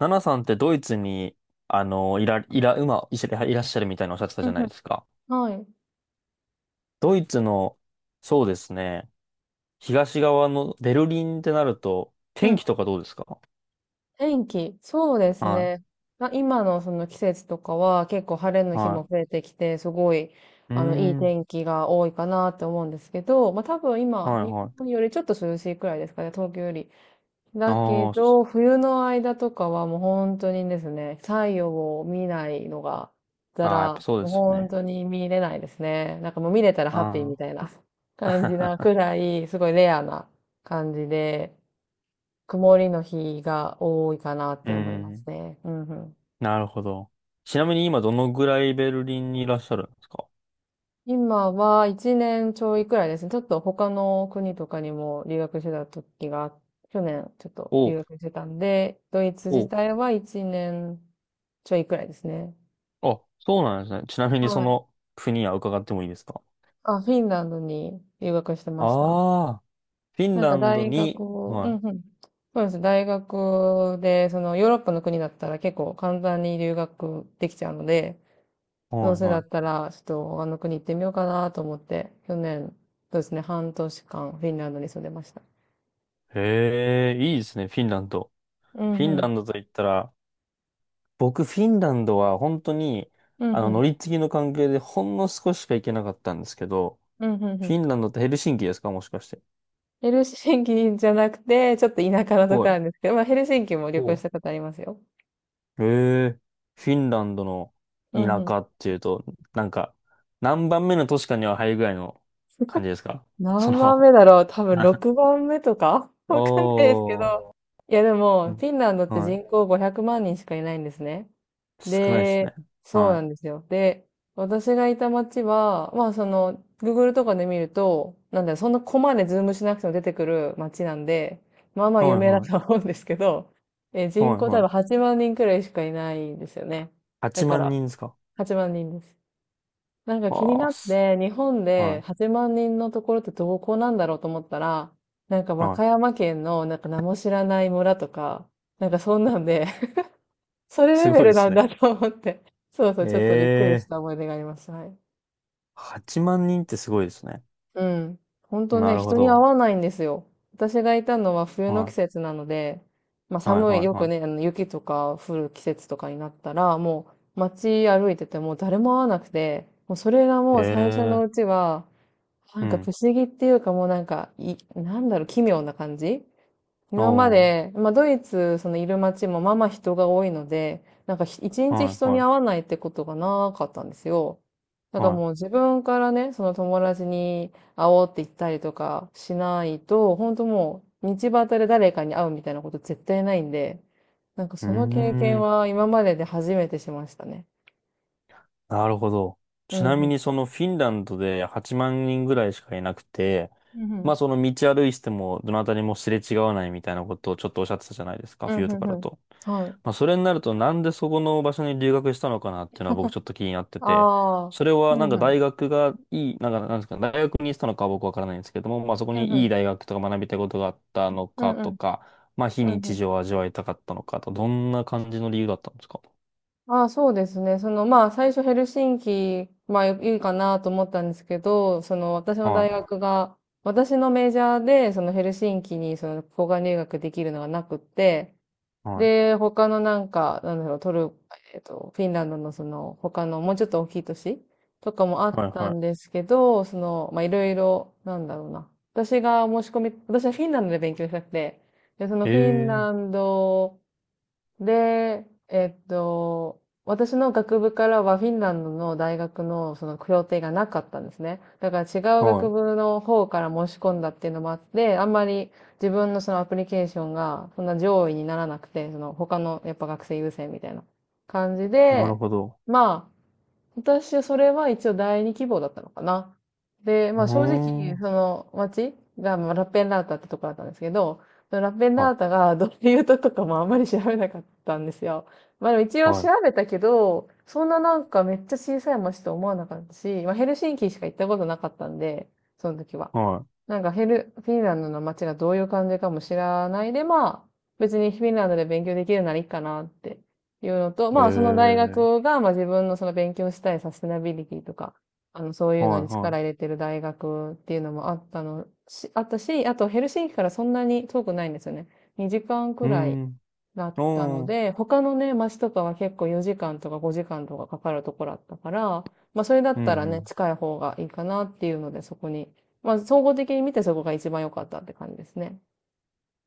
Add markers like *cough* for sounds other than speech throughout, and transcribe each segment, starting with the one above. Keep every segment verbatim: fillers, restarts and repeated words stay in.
ナナさんってドイツに、あの、いら、いら、今、いしいらっしゃるみたいなおっしゃってたうじんゃなういですん。か。はい。ドイツの、そうですね、東側のベルリンってなると、う天ん。気とかどうですか？天気。そうですはね。あ、今のその季節とかは結構晴れのい、日もは増えてきて、すごい、い。うあの、いいーん、天気が多いかなって思うんですけど、まあ多分今、はい、日は本い。よりちょっと涼しいくらいですかね、東京より。だけああ、そど、冬の間とかはもう本当にですね、太陽を見ないのが、だあーやっら、ぱそうでもうすよ本ね。当に見れないですね。なんかもう見れたらハッピーみたあいな感じなくあ。らい、すごいレアな感じで、曇りの日が多いかなっ *laughs* うーて思いますん、ね。うんうん。なるほど。ちなみに今どのぐらいベルリンにいらっしゃるんですか？今はいちねんちょいくらいですね。ちょっと他の国とかにも留学してた時が、去年ちょっと留お、学してたんで、ドイツ自お、体はいちねんちょいくらいですね。あ、そうなんですね。ちなみにそはい。の国は伺ってもいいですか？あ、フィンランドに留学してました。ああーフィンなんラかンド大学に、を、うんはうん。そうです。大学で、そのヨーロッパの国だったら結構簡単に留学できちゃうので、い、どうはい、せだはったら、ちょっとあの国行ってみようかなと思って、去年、そうですね、半年間フィンランドに住んでました。い。へえ、いいですね、フィンランド。うフんィうンラん。ンドと言ったら、僕、フィンランドは本当に、うんあうの、乗ん。り継ぎの関係でほんの少ししか行けなかったんですけど、うんうんうフィん。ンランドってヘルシンキですか、もしかして。ヘルシンキじゃなくて、ちょっと田舎のとはこない。んですけど、まあヘルシンキも旅行しおたことありますよ。へえ、フィンランドのうんう田ん。舎っていうと、なんか、何番目の都市かには入るぐらいの感じですか？そ何番の 目だろう、多分 *laughs* ろくばんめとか *laughs* おわかんないですけー、ど。いやでうも、フん、ィンランドってはい。人口ごひゃくまん人しかいないんですね。少ないですで、ね。そうはなんですよ。で、私がいた街は、まあその、Google とかで見ると、なんだよ、そんなコマでズームしなくても出てくる街なんで、まあまあい。は有い、名だはとはい。思うんですけど、え、人はい口多は分い。はちまん人くらいしかいないんですよね。だ8か万ら、人ですか？はちまん人です。なんか気にわなあ、っす。て、日本でははちまん人のところってどこなんだろうと思ったら、なんかい。和はい。歌山県のなんか名も知らない村とか、なんかそんなんでそれすレベごいでルなすんね。だと思って。*laughs* そうそう、えちょっとびっくりしえー。た思い出があります。はい。はちまん人ってすごいですね。うん。本当なね、るほ人に会ど。わないんですよ。私がいたのは冬の季は節なので、まあい。はい寒い、はよいくはね、あの雪とか降る季節とかになったら、もう街歩いてても誰も会わなくて、もうそれがもう最初のい。うええちは、なー。んうか不ん。思議っていうかもうなんか、い、なんだろう、奇妙な感じ。今まおで、ー。まあ、ドイツ、そのいる街もまあまあ人が多いので、なんかひ一日はい人には会わいないってことがなかったんですよ。だからはもうい。自分からね、その友達に会おうって言ったりとかしないと、本当もう道端で誰かに会うみたいなこと絶対ないんで、なんかうーその経験ん。は今までで初めてしましたね。なるほど。うちん、なうみん、にそのフィンランドではちまん人ぐらいしかいなくて、うまあん、その道歩いててもどなたにもすれ違わないみたいなことをちょっとおっしゃってたじゃないですか、うん、うん、冬うとん。かだうと。ん、はい。まあ、それになると、なんでそこの場所に留学したのかなっていうのは僕ちょっと気になってて、ああ。それうはなんん、かうん、大学がいい、なんかなんですか、大学にしたのかは僕わからないんですけども、まあそこうん、うにいん、い大学とか学びたいことがあったのうかん、うとん、か、まあ非うん。う日ん。常を味わいたかったのかと、どんな感じの理由だったんですか？ああ、そうですね。その、まあ、最初ヘルシンキ、まあ、いいかなと思ったんですけど、その、私の大は学が、私のメジャーで、そのヘルシンキに、その、交換留学できるのがなくって、い、はい、で、他のなんか、なんだろう、トル、えっと、フィンランドのその、他の、もうちょっと大きい都市とかもあはっい、たはんですけど、その、まあ、いろいろ、なんだろうな。私が申し込み、私はフィンランドで勉強したくて、で、そのフィンい。ラええ、ンド、で、えっと、私の学部からはフィンランドの大学のその協定がなかったんですね。だから違う学は部の方から申し込んだっていうのもあって、あんまり自分のそのアプリケーションがそんな上位にならなくて、その他のやっぱ学生優先みたいな感じい、なるで、ほど。まあ、私はそれは一応第二希望だったのかな。で、うまーあ正お直、ん、そはの町がまあラッペンラータってとこだったんですけど、そのラッペンラータい、が *laughs* どういうとことかもあんまり調べなかったんですよ。まあでも一応は調い、べたけど、そんななんかめっちゃ小さい町と思わなかったし、まあヘルシンキしか行ったことなかったんで、その時は。はなんかフィル、フィンランドの街がどういう感じかも知らないで、まあ、別にフィンランドで勉強できるならいいかなっていうのと、まあ、その大い。え学え、が、まあ自分のその勉強したいサステナビリティとか、あの、そういうのはい、には力入れてる大学っていうのもあったのし、あったし、あとヘルシンキからそんなに遠くないんですよね。にじかんい。うくーらいん、だったのおー、で、他のね、街とかは結構よじかんとかごじかんとかかかるところだったから、まあそれだうったらね、ん、近い方がいいかなっていうので、そこに、まあ総合的に見てそこが一番良かったって感じですね。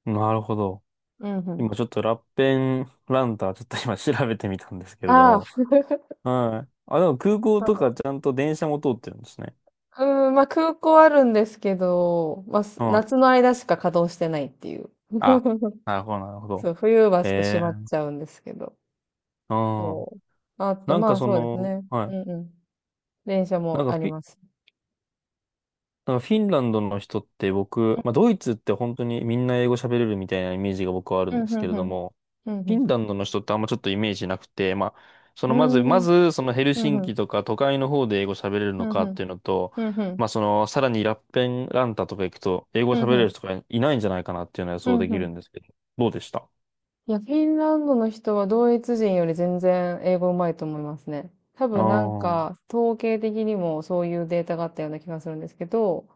うん。なるほど。うんうん。今ちょっとラッペンランターちょっと今調べてみたんですけれどああ、も。*laughs* はい。あ、でも空港とそかちゃんと電車も通ってるんですね。う。うん、まあ空港あるんですけど、まあすは夏い。の間しか稼働してないっていう。あ、*laughs* なるほど、なるほど。そう、冬はちょっと閉えまっちえ、ゃうんですけど。うん。そう。あと、なんまかあそそうですの、ね。はうい。んうん。電車なもんかありフィ、ます。なんかフィンランドの人って僕、まあドイツって本当にみんな英語喋れるみたいなイメージが僕はあるうんんですうけんれうどん。も、うフィんンランドの人ってあんまちょっとイメージなくて、まあ、そうのまず、まん。うーん。ず、そのヘルふシんふンキん、とか都会の方で英語喋れるふのんふかっん、ていうのと、ふんふん、まあ、その、さらにラッペンランタとか行くと、英語ふ喋んれふん、る人がいないんじゃないかなっていうのは予ふ想んでふきん。るんですけど、どうでした？いや、フィンランドの人はドイツ人より全然英語うまいと思いますね。多ああ分なんー、か、統計的にもそういうデータがあったような気がするんですけど、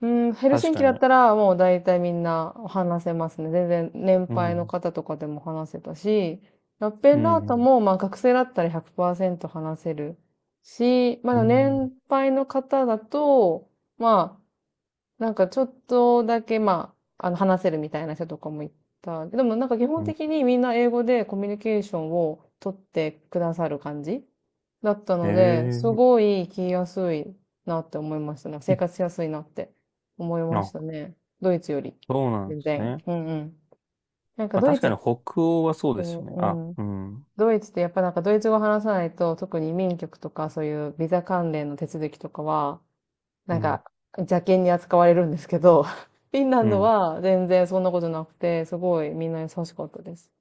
うん、ヘルシ確ンかキだっに。たらもう大体みんな話せますね。全然年う配のん、方とかでも話せたし、ラッペうンラータん、もまあ学生だったらひゃくパーセント話せるし、まうだん、年配の方だと、まあ、なんかちょっとだけ、まあ、あの話せるみたいな人とかもいた。でもなんか基本うん。的にみんな英語でコミュニケーションを取ってくださる感じだったので、すええ、ごい聞きやすいなって思いましたね。なんか生い活しやすいなって思いましたあ、ね。ドイツより。そうなんで全す然。ね。うんうん。なんかまあ、ドイ確ツかっにて、北欧はそうですよね。うあ、ん。うん、ドイツってやっぱなんかドイツ語話さないと、特に移民局とかそういうビザ関連の手続きとかは、なうんん、か、邪険に扱われるんですけど、*laughs* フィンラうンドん。は全然そんなことなくて、すごいみんな優しかったです。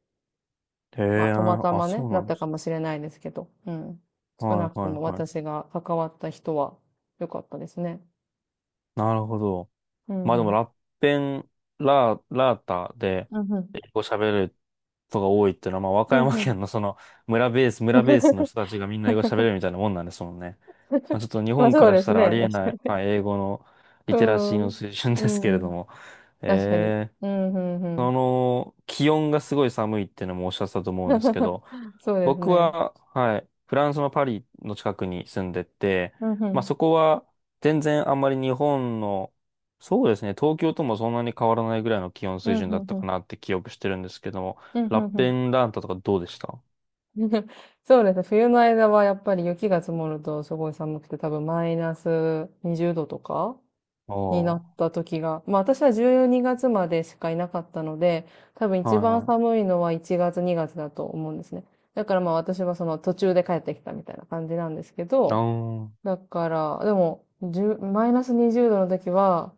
えまあ、え、たまたあ、まね、そうだなっんたでかす。もしれないですけど、うん。少はなくい、はとい、もは私い。が関わった人は良かったですね。なるほど。うんまあうでも、ん。ラッペン、ラー、ラータで、うんうん。英語喋る人が多いっていうのは、まあ、和歌うん山うん。県の *laughs* その、村ベース、村ベースの *laughs* 人たちがみんな英語喋れるみたいなもんなんですもんね。まあ、ちょっと日まあ本かそうらでしすたらあね。りえない、はい、英語のリうテラシーん。の水準でうすけれどん。も。確かに。えうえ、ん、うん、うそん。の、気温がすごい寒いっていうのもおっしゃってたと思うんですけど、*laughs* そうです僕ね。は、はい、フランスのパリの近くに住んでて、うん、うまあん。そこは全然あんまり日本の、そうですね、東京ともそんなに変わらないぐらいの気温うん、水準うだっん、たうかん。なって記憶してるんですけども、うん、うラッん、うペん。ンランタとかどうでした？ *laughs* そうですね。冬の間はやっぱり雪が積もるとすごい寒くて、多分マイナスにじゅうどとかあにあ、なっはた時が、まあ私はじゅうにがつまでしかいなかったので、多分い一番は寒いのはいちがつ、にがつだと思うんですね。だからまあ私はその途中で帰ってきたみたいな感じなんですけい。あど、あ、だから、でも、じゅうマイナスにじゅうどの時は、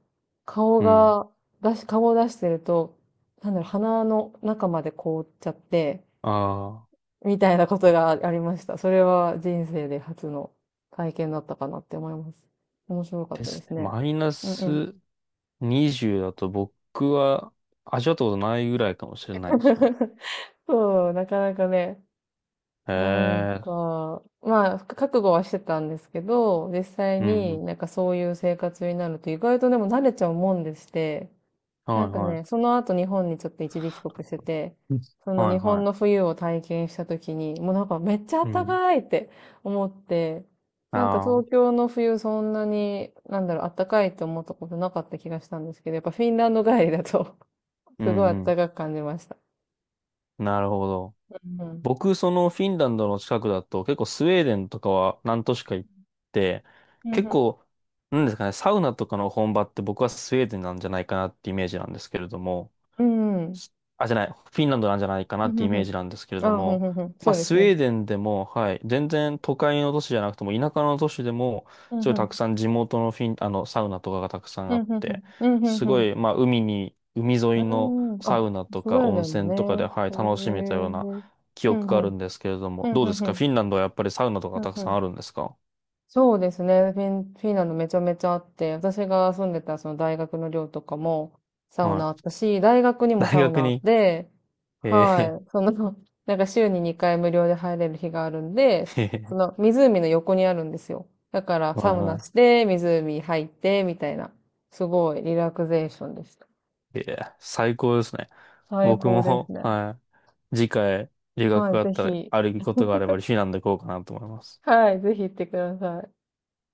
顔うん。が、出し、顔を出してると、なんだろう、鼻の中まで凍っちゃって、ああ、みたいなことがありました。それは人生で初の体験だったかなって思います。面白かっでたですすね。ね。マイナうんうん。スにじゅうだと僕は味わったことないぐらいかもしれないですね。*laughs* そう、なかなかね、へなんえ、か、まあ、覚悟はしてたんですけど、実際うん、うにん。なんかそういう生活になると意外とでも慣れちゃうもんでして、なはんいかはね、その後日本にちょっと一時帰国してて、い。うん、そのはい日は本い。の冬を体験した時に、もうなんかめっちゃう暖ん。かいって思って、あなんかあ、東京の冬そんなに、なんだろう、暖かいって思ったことなかった気がしたんですけど、やっぱフィンランド帰りだと *laughs* うすんごいう暖ん。かく感じました。なるほど。うんうん。僕、そのフィンランドの近くだと、結構スウェーデンとかは何都市か行って、うん結うん。構、なんですかね、サウナとかの本場って僕はスウェーデンなんじゃないかなってイメージなんですけれども、うんうん。あ、じゃない、フィンランドなんじゃないかなうっんてうイんうメーん。ジなんですけれどあ、ふんも、ふんふん。まそあ、うでスすウェね。ーデンでも、はい、全然都会の都市じゃなくても、田舎の都市でも、うすんごいうたくん。さん地元のフィン、あの、サウナとかがたくさんうあんうっんうん。て、うんうんすうごん。い、まあ、海に、海う沿いのーん。サあ、ウナとスウかェーデ温ン泉とかで、もね。はい、へ楽しめたようなえ。記うん憶がうあるんんですけれどうも、んどううでんすうかん。フィンランドはやっぱりサウナとうかんたくうさんん。あるんですか？そうですね。フィン、フィンランドめちゃめちゃあって、私が住んでたその大学の寮とかもサウはナあっい。たし、大学にも大サウナ学あっに、て、えー はい。その、*laughs* なんか週ににかい無料で入れる日があるんで、その *laughs* 湖の横にあるんですよ。だからはサいウはナしい。て、湖入って、みたいな。すごいリラクゼーションでした。いや、最高ですね。最僕高ですも、ね。はい。次回、留学はい、があぜったら、ひ。あることがあれば、*laughs* フィンランド行こうかなと思います。はい、ぜひ行ってください。